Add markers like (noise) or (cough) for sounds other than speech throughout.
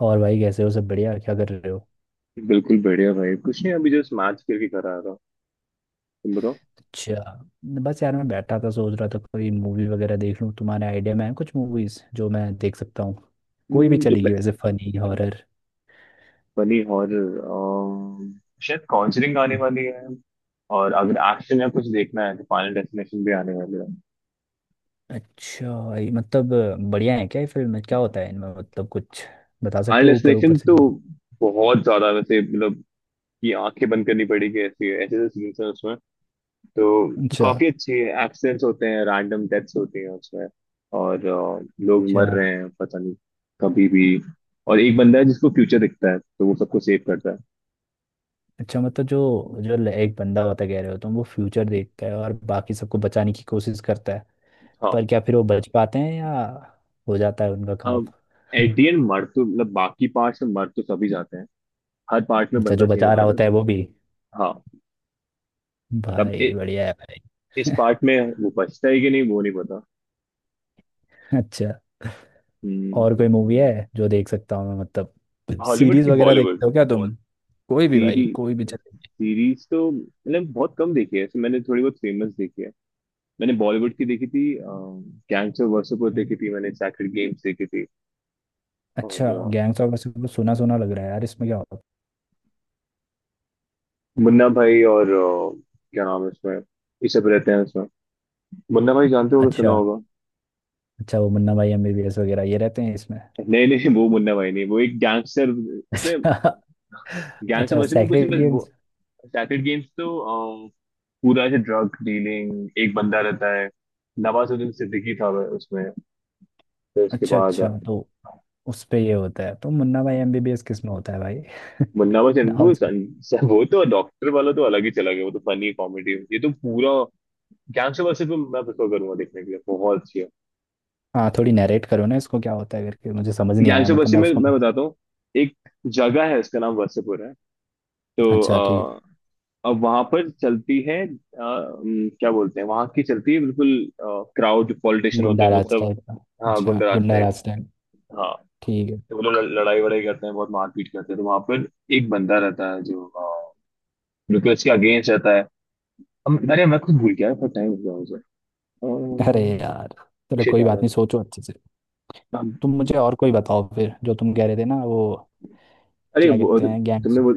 और भाई, कैसे हो? सब बढ़िया? क्या कर रहे हो? बिल्कुल बढ़िया भाई। कुछ नहीं, अभी जस्ट मैच करके घर आ रहा हूँ। तुम बताओ। अच्छा। बस यार, मैं बैठा था, सोच रहा था कोई मूवी वगैरह देख लूँ। तुम्हारे आइडिया में है कुछ मूवीज जो मैं देख सकता हूँ? कोई भी जो चलेगी, वैसे फनी, हॉरर। बनी हॉरर। शायद कॉन्जरिंग आने वाली है। और अगर एक्शन या कुछ देखना है तो फाइनल डेस्टिनेशन भी आने वाली है। अच्छा, ये मतलब बढ़िया है क्या? ये फिल्म क्या होता है इनमें, मतलब कुछ बता फाइनल सकते हो ऊपर डेस्टिनेशन ऊपर से? तो बहुत ज्यादा वैसे, मतलब कि आंखें बंद करनी पड़ी, कि ऐसे ऐसे ऐसे सीन्स हैं उसमें। तो अच्छा। काफी अच्छी। एक्सीडेंट्स होते हैं, रैंडम डेथ्स होती हैं उसमें। और लोग मर अच्छा। रहे हैं, पता नहीं कभी भी। और एक बंदा है जिसको फ्यूचर दिखता है, तो वो सबको सेव करता है। अच्छा, मतलब जो जो ल- एक बंदा होता, कह रहे हो तुम वो फ्यूचर देखता है और बाकी सबको बचाने की कोशिश करता है। पर हाँ। क्या फिर वो बच पाते हैं, या हो जाता है उनका काम? अब एट दी एंड मर तो, मतलब बाकी पार्ट्स में मर तो सभी जाते हैं। हर पार्ट में अच्छा, बंदा जो चेंज बचा होता रहा, और होता है रहता वो भी? है। हाँ। तब भाई बढ़िया है भाई। इस पार्ट में वो बचता है कि नहीं, वो नहीं पता। (laughs) अच्छा, और कोई मूवी है जो देख सकता हूँ मैं, मतलब हॉलीवुड सीरीज की वगैरह बॉलीवुड? देखते हो क्या तुम? कोई भी भाई, सीरीज। कोई भी चलेगी। सीरीज तो मतलब बहुत कम देखी है ऐसे, मैंने थोड़ी बहुत फेमस देखी है। मैंने बॉलीवुड की देखी थी। कैंसर वर्सेपुर देखी थी, मैंने सैक्रेड गेम्स देखी थी। और अच्छा, जो गैंग्स ऑफ वासेपुर, सुना सुना लग रहा है यार, इसमें क्या होता? मुन्ना भाई और क्या नाम है उसमें, ये सब रहते हैं उसमें। मुन्ना भाई जानते होगे, सुना अच्छा। होगा। अच्छा, वो मुन्ना भाई एमबीबीएस वगैरह ये रहते हैं इसमें? (laughs) नहीं नहीं, वो मुन्ना भाई नहीं, वो एक गैंगस्टर इसमें। अच्छा। गैंगस्टर अच्छा वर्सेस में कुछ नहीं, सेक्रेट बस वो। गेम्स। सैक्रेड गेम्स तो अ, पूरा ऐसे ड्रग डीलिंग, एक बंदा रहता है। नवाजुद्दीन सिद्दीकी था वह उसमें। फिर उसके अच्छा। बाद, अच्छा तो उस पे ये होता है, तो मुन्ना भाई एमबीबीएस किस में होता है भाई? (laughs) मुन्ना बचन नाम वो से- वो तो डॉक्टर वाला तो अलग ही चला गया, वो तो फनी कॉमेडी, ये तो पूरा गैंगस्टर बसे पे मैं प्रेफर करूंगा देखने के लिए, बहुत अच्छी है। हाँ, थोड़ी नरेट करो ना इसको, क्या होता है करके, मुझे समझ नहीं आया गैंगस्टर मतलब, बसे मैं में उसको। मैं बताता हूँ। एक जगह है, उसका नाम वसेपुर है। तो अच्छा ठीक अब वहां पर चलती है, क्या बोलते हैं, वहां की चलती है बिल्कुल। क्राउड है, पॉलिटिशियन होते गुंडा हैं वो राज सब। टाइप (laughs) का। हाँ, अच्छा, गुंडराज गुंडा टाइप। राज टाइप। हाँ, ठीक तो वो लोग लड़ाई वड़ाई करते हैं, बहुत मारपीट करते हैं तो वहां पर, एक बंदा रहता है जो बिल्कुल इसके अगेंस्ट रहता है। हम, अरे मैं खुद भूल गया, टाइम हो गया मुझे। है। अरे यार, चलो शिट कोई यार। बात नहीं, सोचो अच्छे से। तुम अब- मुझे और कोई बताओ फिर, जो तुम कह रहे थे ना वो, अरे क्या वो, कहते हैं, तुमने वो,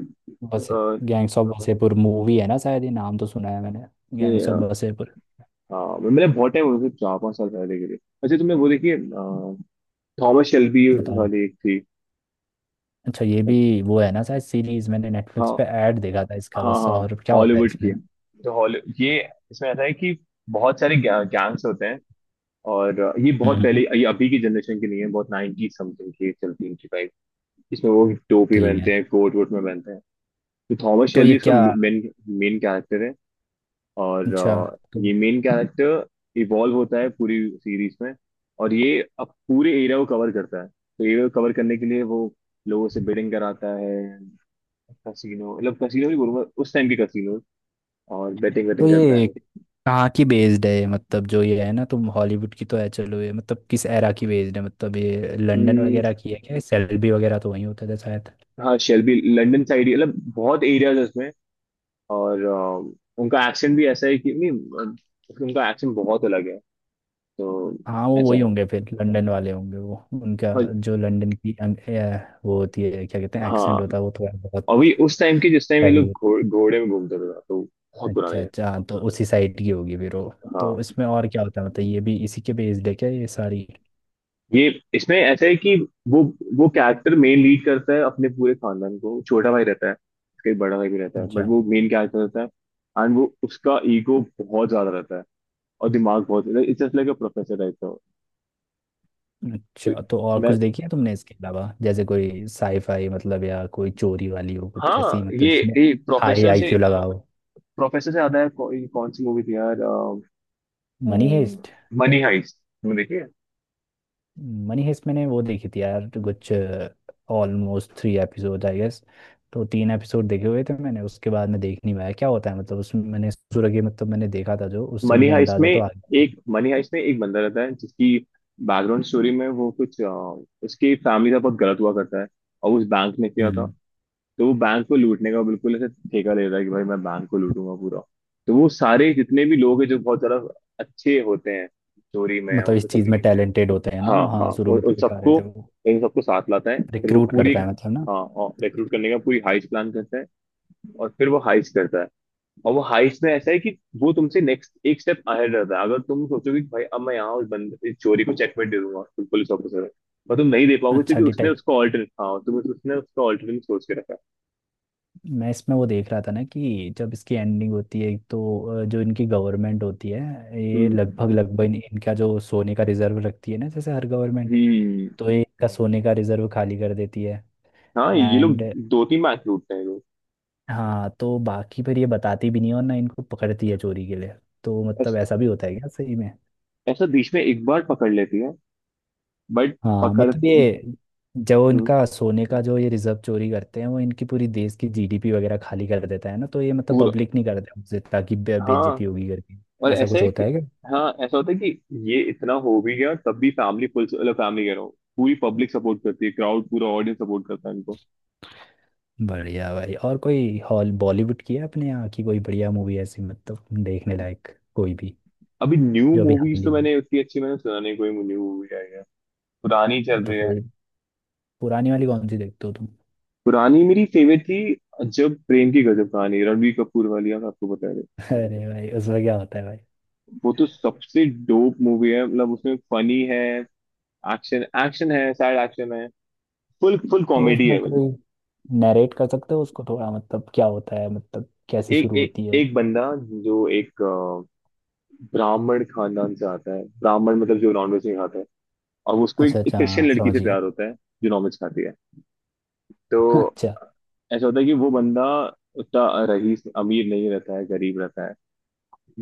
वसे अ, गैंग्स ऑफ वसेपुर मूवी है ना शायद, ये नाम तो सुना है मैंने, ये, गैंग्स ऑफ वसेपुर हाँ, मैंने बहुत टाइम हो गया, चार पांच साल पहले के लिए। अच्छा तुमने वो देखी? थॉमस शेल्बी बताओ। वाली एक थी। अच्छा, ये भी वो है ना शायद, सीरीज। मैंने नेटफ्लिक्स हाँ, पे ऐड देखा था इसका हाँ, बस, हाँ। और क्या होता है हॉलीवुड इसमें? की। तो हॉली ये, इसमें ऐसा है कि बहुत सारे गैंग्स होते हैं। और ये बहुत पहले, हम्म, ये अभी की जनरेशन की नहीं है, बहुत 90 समथिंग की चलती है इनकी बाइक। इसमें वो टोपी ठीक पहनते हैं, है। कोट वोट में पहनते हैं। तो थॉमस तो ये शेल्बी इसका क्या? मेन मेन कैरेक्टर है। और अच्छा तो ये मेन कैरेक्टर इवॉल्व होता है पूरी सीरीज में। और ये अब पूरे एरिया को कवर करता है, तो एरिया को कवर करने के लिए वो लोगों से बेटिंग कराता है। कसिनो, मतलब कसिनो भी बोलूंगा उस टाइम के कसिनो, और बेटिंग तो वेटिंग करता है। ये कहाँ की बेस्ड है ये? मतलब जो ये है ना, तुम हॉलीवुड की तो है, चलो ये मतलब किस एरा की बेस्ड है, मतलब ये लंदन हम्म, वगैरह की है क्या, सेल्बी वगैरह तो वहीं होता था शायद। हाँ, शेल्बी लंदन साइड, मतलब बहुत एरियाज है उसमें। और उनका एक्सेंट भी ऐसा है कि नहीं, उनका एक्सेंट बहुत अलग है तो। हाँ, वो ऐसा वही है। होंगे फिर, लंदन वाले होंगे वो। उनका और जो लंदन की वो होती है, क्या कहते हैं एक्सेंट होता हाँ, है वो थोड़ा बहुत, अभी उस टाइम के जिस टाइम ये लोग हैवी। घोड़े में घूमते थे, तो बहुत पुराना। अच्छा अच्छा, हाँ तो उसी साइड की होगी फिर वो। तो हाँ, इसमें और क्या होता है, मतलब ये भी इसी के बेस्ड है क्या ये सारी? ये, इसमें ऐसा है कि वो वो कैरेक्टर मेन लीड करता है अपने पूरे खानदान को, छोटा भाई रहता है उसका, एक बड़ा भाई भी रहता है, बट अच्छा। वो मेन कैरेक्टर रहता है। एंड वो, उसका ईगो बहुत ज्यादा रहता है। और दिमाग बहुत, it's just like a professor type का। तो अच्छा तो और मैं, कुछ देखी है तुमने इसके अलावा, जैसे कोई साईफाई मतलब, या कोई चोरी वाली हो कुछ ऐसी हाँ, मतलब, ये जिसमें ये हाई प्रोफेसर से आईक्यू लगा हो। प्रोफेसर से आता है, ये कौन सी मूवी थी यार? Money haste. Money heist. तुमने देखी है? मनी हेस्ट मैंने वो देखी थी यार, कुछ almost three episode I guess. तो तीन एपिसोड देखे हुए थे मैंने, उसके बाद में देख नहीं पाया क्या होता है मतलब उसमें, मैंने सूरज मतलब, मैंने देखा था जो, उससे मनी मुझे हाइस्ट में अंदाजा तो आ गया था। मनी हाइस्ट में एक बंदा रहता है, जिसकी बैकग्राउंड स्टोरी में वो कुछ, उसकी फैमिली का बहुत गलत हुआ करता है। और उस बैंक ने किया था। हम्म, तो वो बैंक को लूटने का बिल्कुल ऐसे ठेका ले रहा है कि भाई मैं बैंक को लूटूंगा पूरा। तो वो सारे जितने भी लोग हैं जो बहुत ज्यादा अच्छे होते हैं स्टोरी में, मतलब उन इस सब। चीज में टैलेंटेड होते हैं ना हाँ, वो? हाँ, हाँ, शुरू उन में तो उन दिखा सबको, रहे थे वो। इन सबको साथ लाता है, फिर वो रिक्रूट पूरी। करता है मतलब ना? हाँ, रिक्रूट करने का पूरी हाइस्ट प्लान करता है। और फिर वो हाइस्ट करता है। और वो हाइस्ट में ऐसा है कि वो तुमसे नेक्स्ट एक स्टेप अहेड रहता है। अगर तुम सोचोगे कि भाई अब मैं यहाँ उस बंदे इस चोरी को चेकमेट दे दूंगा, तुम पुलिस ऑफिसर हो। पर तुम नहीं दे पाओगे अच्छा, क्योंकि उसने उसको ऑल्टरनेट, हाँ तुम, उसने उसको ऑल्टरनेट सोच के रखा है। मैं इसमें वो देख रहा था ना कि जब इसकी एंडिंग होती है एक तो जो इनकी गवर्नमेंट होती है, ये हम्म लगभग लगभग इनका जो सोने का रिजर्व रखती है ना, जैसे हर गवर्नमेंट। हम्म, तो ये इनका सोने का रिजर्व खाली कर देती है। हाँ, ये लोग एंड, दो तीन मैच लूटते हैं ये लोग। हाँ तो बाकी फिर ये बताती भी नहीं है और ना इनको पकड़ती है चोरी के लिए, तो मतलब ऐस- ऐसा भी होता है क्या सही में? ऐसा बीच में एक बार पकड़ लेती है, बट हाँ पकड़। मतलब, ये जो हम्म, इनका सोने का जो ये रिजर्व चोरी करते हैं, वो इनकी पूरी देश की जीडीपी वगैरह खाली कर देता है ना, तो ये मतलब पूरा, पब्लिक नहीं करते उससे, ताकि हाँ, बेइज्जती होगी करके। और ऐसा ऐसा कुछ है कि, होता है क्या? हाँ, ऐसा होता है कि ये इतना हो भी गया तब भी फैमिली, पुलिस फैमिली कह रहा हूँ। पूरी पब्लिक सपोर्ट करती है, क्राउड पूरा ऑडियंस सपोर्ट करता है इनको। बढ़िया भाई, और कोई हॉल बॉलीवुड की है अपने यहाँ की कोई बढ़िया मूवी ऐसी, मतलब देखने लायक? कोई भी, अभी न्यू जो भी मूवीज हाल ही तो मैंने उतनी अच्छी, मैंने सुना नहीं कोई न्यू मूवी आई है। पुरानी में चल तो रही है। कोई, पुरानी वाली कौन सी देखते हो तुम? पुरानी मेरी फेवरेट थी, जब प्रेम की गजब कहानी, रणबीर कपूर वाली, आप आपको बता रहे। (laughs) अरे भाई, उसमें क्या होता है भाई? वो तो सबसे डोप मूवी है, मतलब उसमें फनी है, एक्शन एक्शन है, सैड एक्शन है, फुल फुल तो कॉमेडी उसमें है, मतलब कोई नरेट कर सकते हो उसको थोड़ा, मतलब क्या होता है, मतलब कैसे एक शुरू एक होती है? एक बंदा, जो एक ब्राह्मण खानदान से आता है। ब्राह्मण मतलब जो नॉनवेज नहीं खाता है। और उसको अच्छा एक अच्छा, क्रिश्चियन हाँ लड़की से समझ गया। प्यार होता है, जो नॉनवेज खाती है। (laughs) तो अच्छा। ऐसा होता है कि वो बंदा उतना रईस, अमीर नहीं रहता है, गरीब रहता है।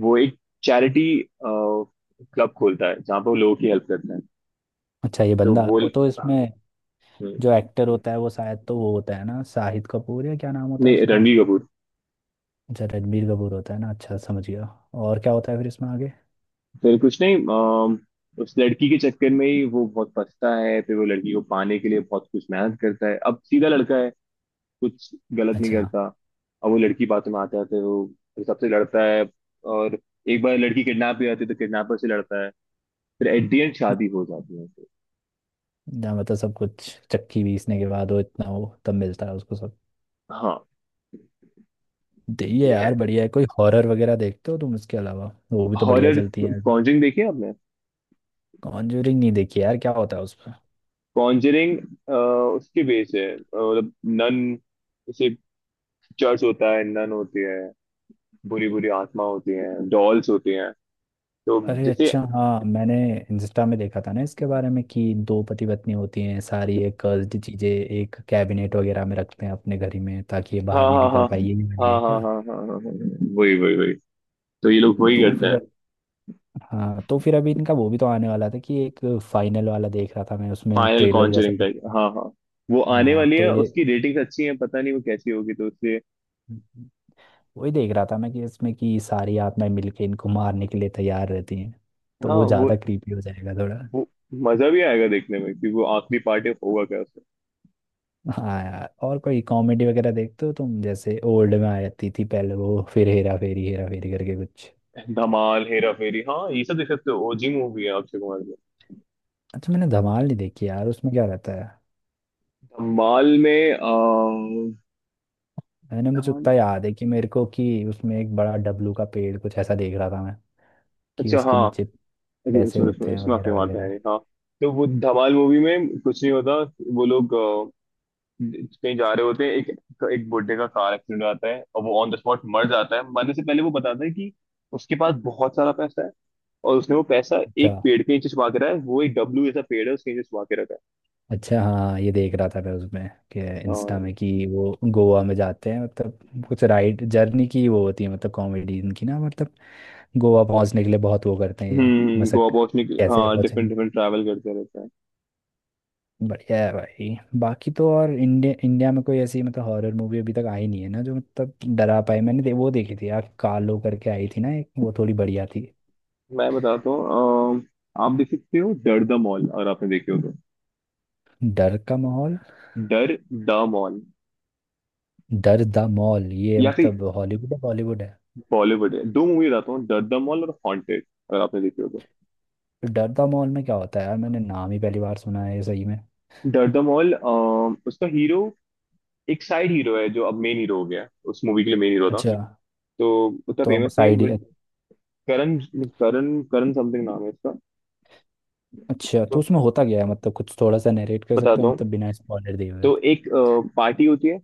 वो एक चैरिटी क्लब खोलता है जहाँ पे वो लोगों की हेल्प करता है। अच्छा, ये तो बंदा वो, तो हाँ, इसमें हम्म, जो एक्टर होता है वो शायद, तो वो होता है ना शाहिद कपूर, या क्या नाम होता है नहीं, उसका? रणबीर कपूर। अच्छा, रणबीर कपूर होता है ना। अच्छा, समझ गया। और क्या होता है फिर इसमें आगे? फिर कुछ नहीं, उस लड़की के चक्कर में ही वो बहुत फंसता है, फिर वो लड़की को पाने के लिए बहुत कुछ मेहनत करता है, अब सीधा लड़का है, कुछ गलत नहीं अच्छा, करता। अब वो लड़की बातों में आता है, तो वो फिर सबसे लड़ता है, और एक बार लड़की किडनैप भी आती है तो किडनैपर से लड़ता है। फिर एट दी एंड शादी हो जाती है। जहाँ मतलब सब कुछ चक्की पीसने के बाद वो, इतना वो तब मिलता है उसको सब? हाँ, ये ये है यार बढ़िया है, कोई हॉरर वगैरह देखते हो तुम इसके अलावा, वो भी तो बढ़िया हॉरर। चलती है। कॉन्जरिंग देखी है आपने? कॉन्जूरिंग नहीं देखी यार, क्या होता है उस पर? कॉन्जरिंग उसके बेस है, मतलब नन, जैसे चर्च होता है, नन होती है, बुरी बुरी आत्मा होती है, डॉल्स होती हैं, तो अरे जैसे, अच्छा हाँ, मैंने इंस्टा में देखा था ना इसके बारे में कि दो पति पत्नी होती हैं, सारी ये कर्स्ड चीजें एक कैबिनेट वगैरह में रखते हैं अपने घर ही में, ताकि ये बाहर हाँ, नहीं हाँ, निकल हाँ, पाए, ये नहीं वाली हाँ, है हाँ, हाँ, क्या? हाँ, हाँ, हाँ, हाँ, वही वही वही। तो ये लोग वही तो करते फिर, हैं। हाँ तो फिर अभी इनका वो भी तो आने वाला था कि एक, फाइनल वाला देख रहा था मैं उसमें, फाइनल ट्रेलर जैसा कॉन्जरिंग टाइप, देखा। हाँ, हाँ, वो आने हाँ वाली है, तो ये उसकी रेटिंग्स अच्छी हैं, पता नहीं वो कैसी होगी तो उससे। वही देख रहा था मैं कि इसमें कि सारी आत्माएं मिलके इनको मारने के लिए तैयार रहती हैं, तो हाँ, वो वो ज्यादा क्रीपी हो जाएगा थोड़ा। वो मजा भी आएगा देखने में, कि वो आखिरी पार्ट होगा क्या। हाँ यार, और कोई कॉमेडी वगैरह देखते हो तुम, जैसे ओल्ड में आती थी पहले वो, फिर हेरा फेरी करके कुछ? धमाल, हेरा फेरी, हाँ, ये सब देख सकते हो, ओजी मूवी है अक्षय कुमार की। अच्छा, मैंने धमाल नहीं देखी यार, उसमें क्या रहता है? धमाल में मैंने मुझे धमाल, उतना याद है कि मेरे को कि उसमें एक बड़ा डब्लू का पेड़, कुछ ऐसा देख रहा था मैं कि अच्छा, उसके हाँ, नीचे इसमें पैसे होते इसमें हैं इसमें अक्षय वगैरह कुमार था, वगैरह। यानी, हाँ। तो वो धमाल मूवी में कुछ नहीं होता, वो लोग कहीं जा रहे होते हैं, एक एक बुड्ढे का कार एक्सीडेंट आता है और वो ऑन द स्पॉट मर जाता है। मरने से पहले वो बताता है कि उसके पास बहुत सारा पैसा है, और उसने वो पैसा अच्छा एक पेड़ के नीचे छुपा के रखा है, वो एक डब्लू जैसा पेड़ है, उसके नीचे छुपा के रखा है। अच्छा हाँ, ये देख रहा था मैं उसमें कि, इंस्टा और में कि वो गोवा में जाते हैं मतलब, कुछ राइड जर्नी की वो होती है, मतलब कॉमेडी इनकी ना मतलब गोवा पहुंचने के लिए बहुत वो करते हैं गोवा मशक्कत, पहुंचने के, कैसे हाँ, पहुंचे। डिफरेंट डिफरेंट ट्रैवल करते रहते हैं। बढ़िया है भाई, बाकी तो और इंडिया इंडिया में कोई ऐसी मतलब हॉरर मूवी अभी तक आई नहीं है ना जो मतलब डरा पाए? मैंने वो देखी थी यार, कालो करके आई थी ना एक, वो थोड़ी बढ़िया थी। मैं बताता हूँ, आप देख सकते हो डर द मॉल, अगर आपने देखी हो तो। डर का माहौल? Darr the mall, Darr the mall, ये या फिर, मतलब हॉलीवुड है, बॉलीवुड है? बॉलीवुड है, दो मूवी बताता हूँ, डर द मॉल और हॉन्टेड, अगर आपने देखी हो तो। तो डर द मॉल में क्या होता है यार, मैंने नाम ही पहली बार सुना है ये सही में। डर द मॉल, उसका हीरो एक साइड हीरो है, जो अब मेन हीरो हो गया है। उस मूवी के लिए मेन हीरो था। अच्छा, तो उतना तो अब फेमस नहीं है side. but Karan Karan Karan something नाम है इसका। अच्छा तो तो उसमें होता क्या है, मतलब कुछ थोड़ा सा नरेट कर सकते बताता हो हूँ, मतलब बिना स्पॉइलर दिए हुए? तो एक पार्टी होती है,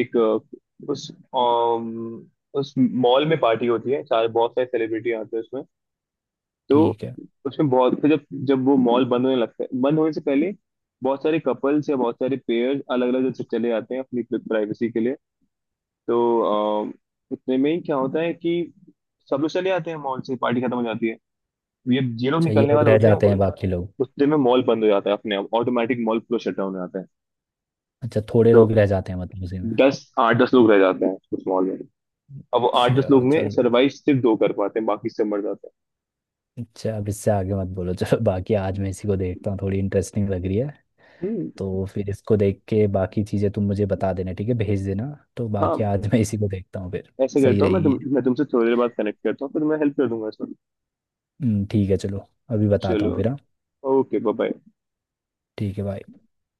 एक, उस, उस मॉल में पार्टी होती है, सारे बहुत सारे सेलिब्रिटी आते हैं उसमें। तो ठीक है। उसमें बहुत, फिर जब जब वो मॉल बंद होने लगता है, बंद होने से पहले बहुत सारे कपल्स या बहुत सारे पेयर्स अलग अलग जगह चले जाते हैं अपनी प्राइवेसी के लिए। तो इतने में ही क्या होता है कि सब लोग चले जाते हैं मॉल से, पार्टी खत्म हो जाती है, ये लोग अच्छा, ये निकलने लोग वाले रह होते हैं, जाते हैं बाकी लोग? उतने में मॉल बंद हो जाता है, अपने आप ऑटोमेटिक मॉल पूरा शट डाउन हो जाता है। अच्छा, थोड़े तो लोग रह जाते हैं मतलब उसी में? दस, आठ दस लोग रह जाते हैं उस मॉल में। अब वो आठ दस अच्छा लोग में चलो। सर्वाइव सिर्फ दो कर पाते हैं, बाकी सब मर जाते अच्छा, अब इससे आगे मत बोलो, चलो बाकी आज मैं इसी को देखता हूँ, थोड़ी इंटरेस्टिंग लग रही है। हैं। तो फिर इसको देख के बाकी चीज़ें तुम मुझे बता देना, ठीक है, भेज देना। तो बाकी हाँ, आज मैं इसी को देखता हूँ फिर। ऐसे सही करता हूँ मैं, रहेगी। तुमसे थोड़ी देर बाद कनेक्ट करता हूँ, फिर मैं हेल्प कर दूंगा इसमें। ठीक है चलो। अभी बताता चलो, हूँ फिर, हाँ। Okay, bye bye. ठीक है, बाय।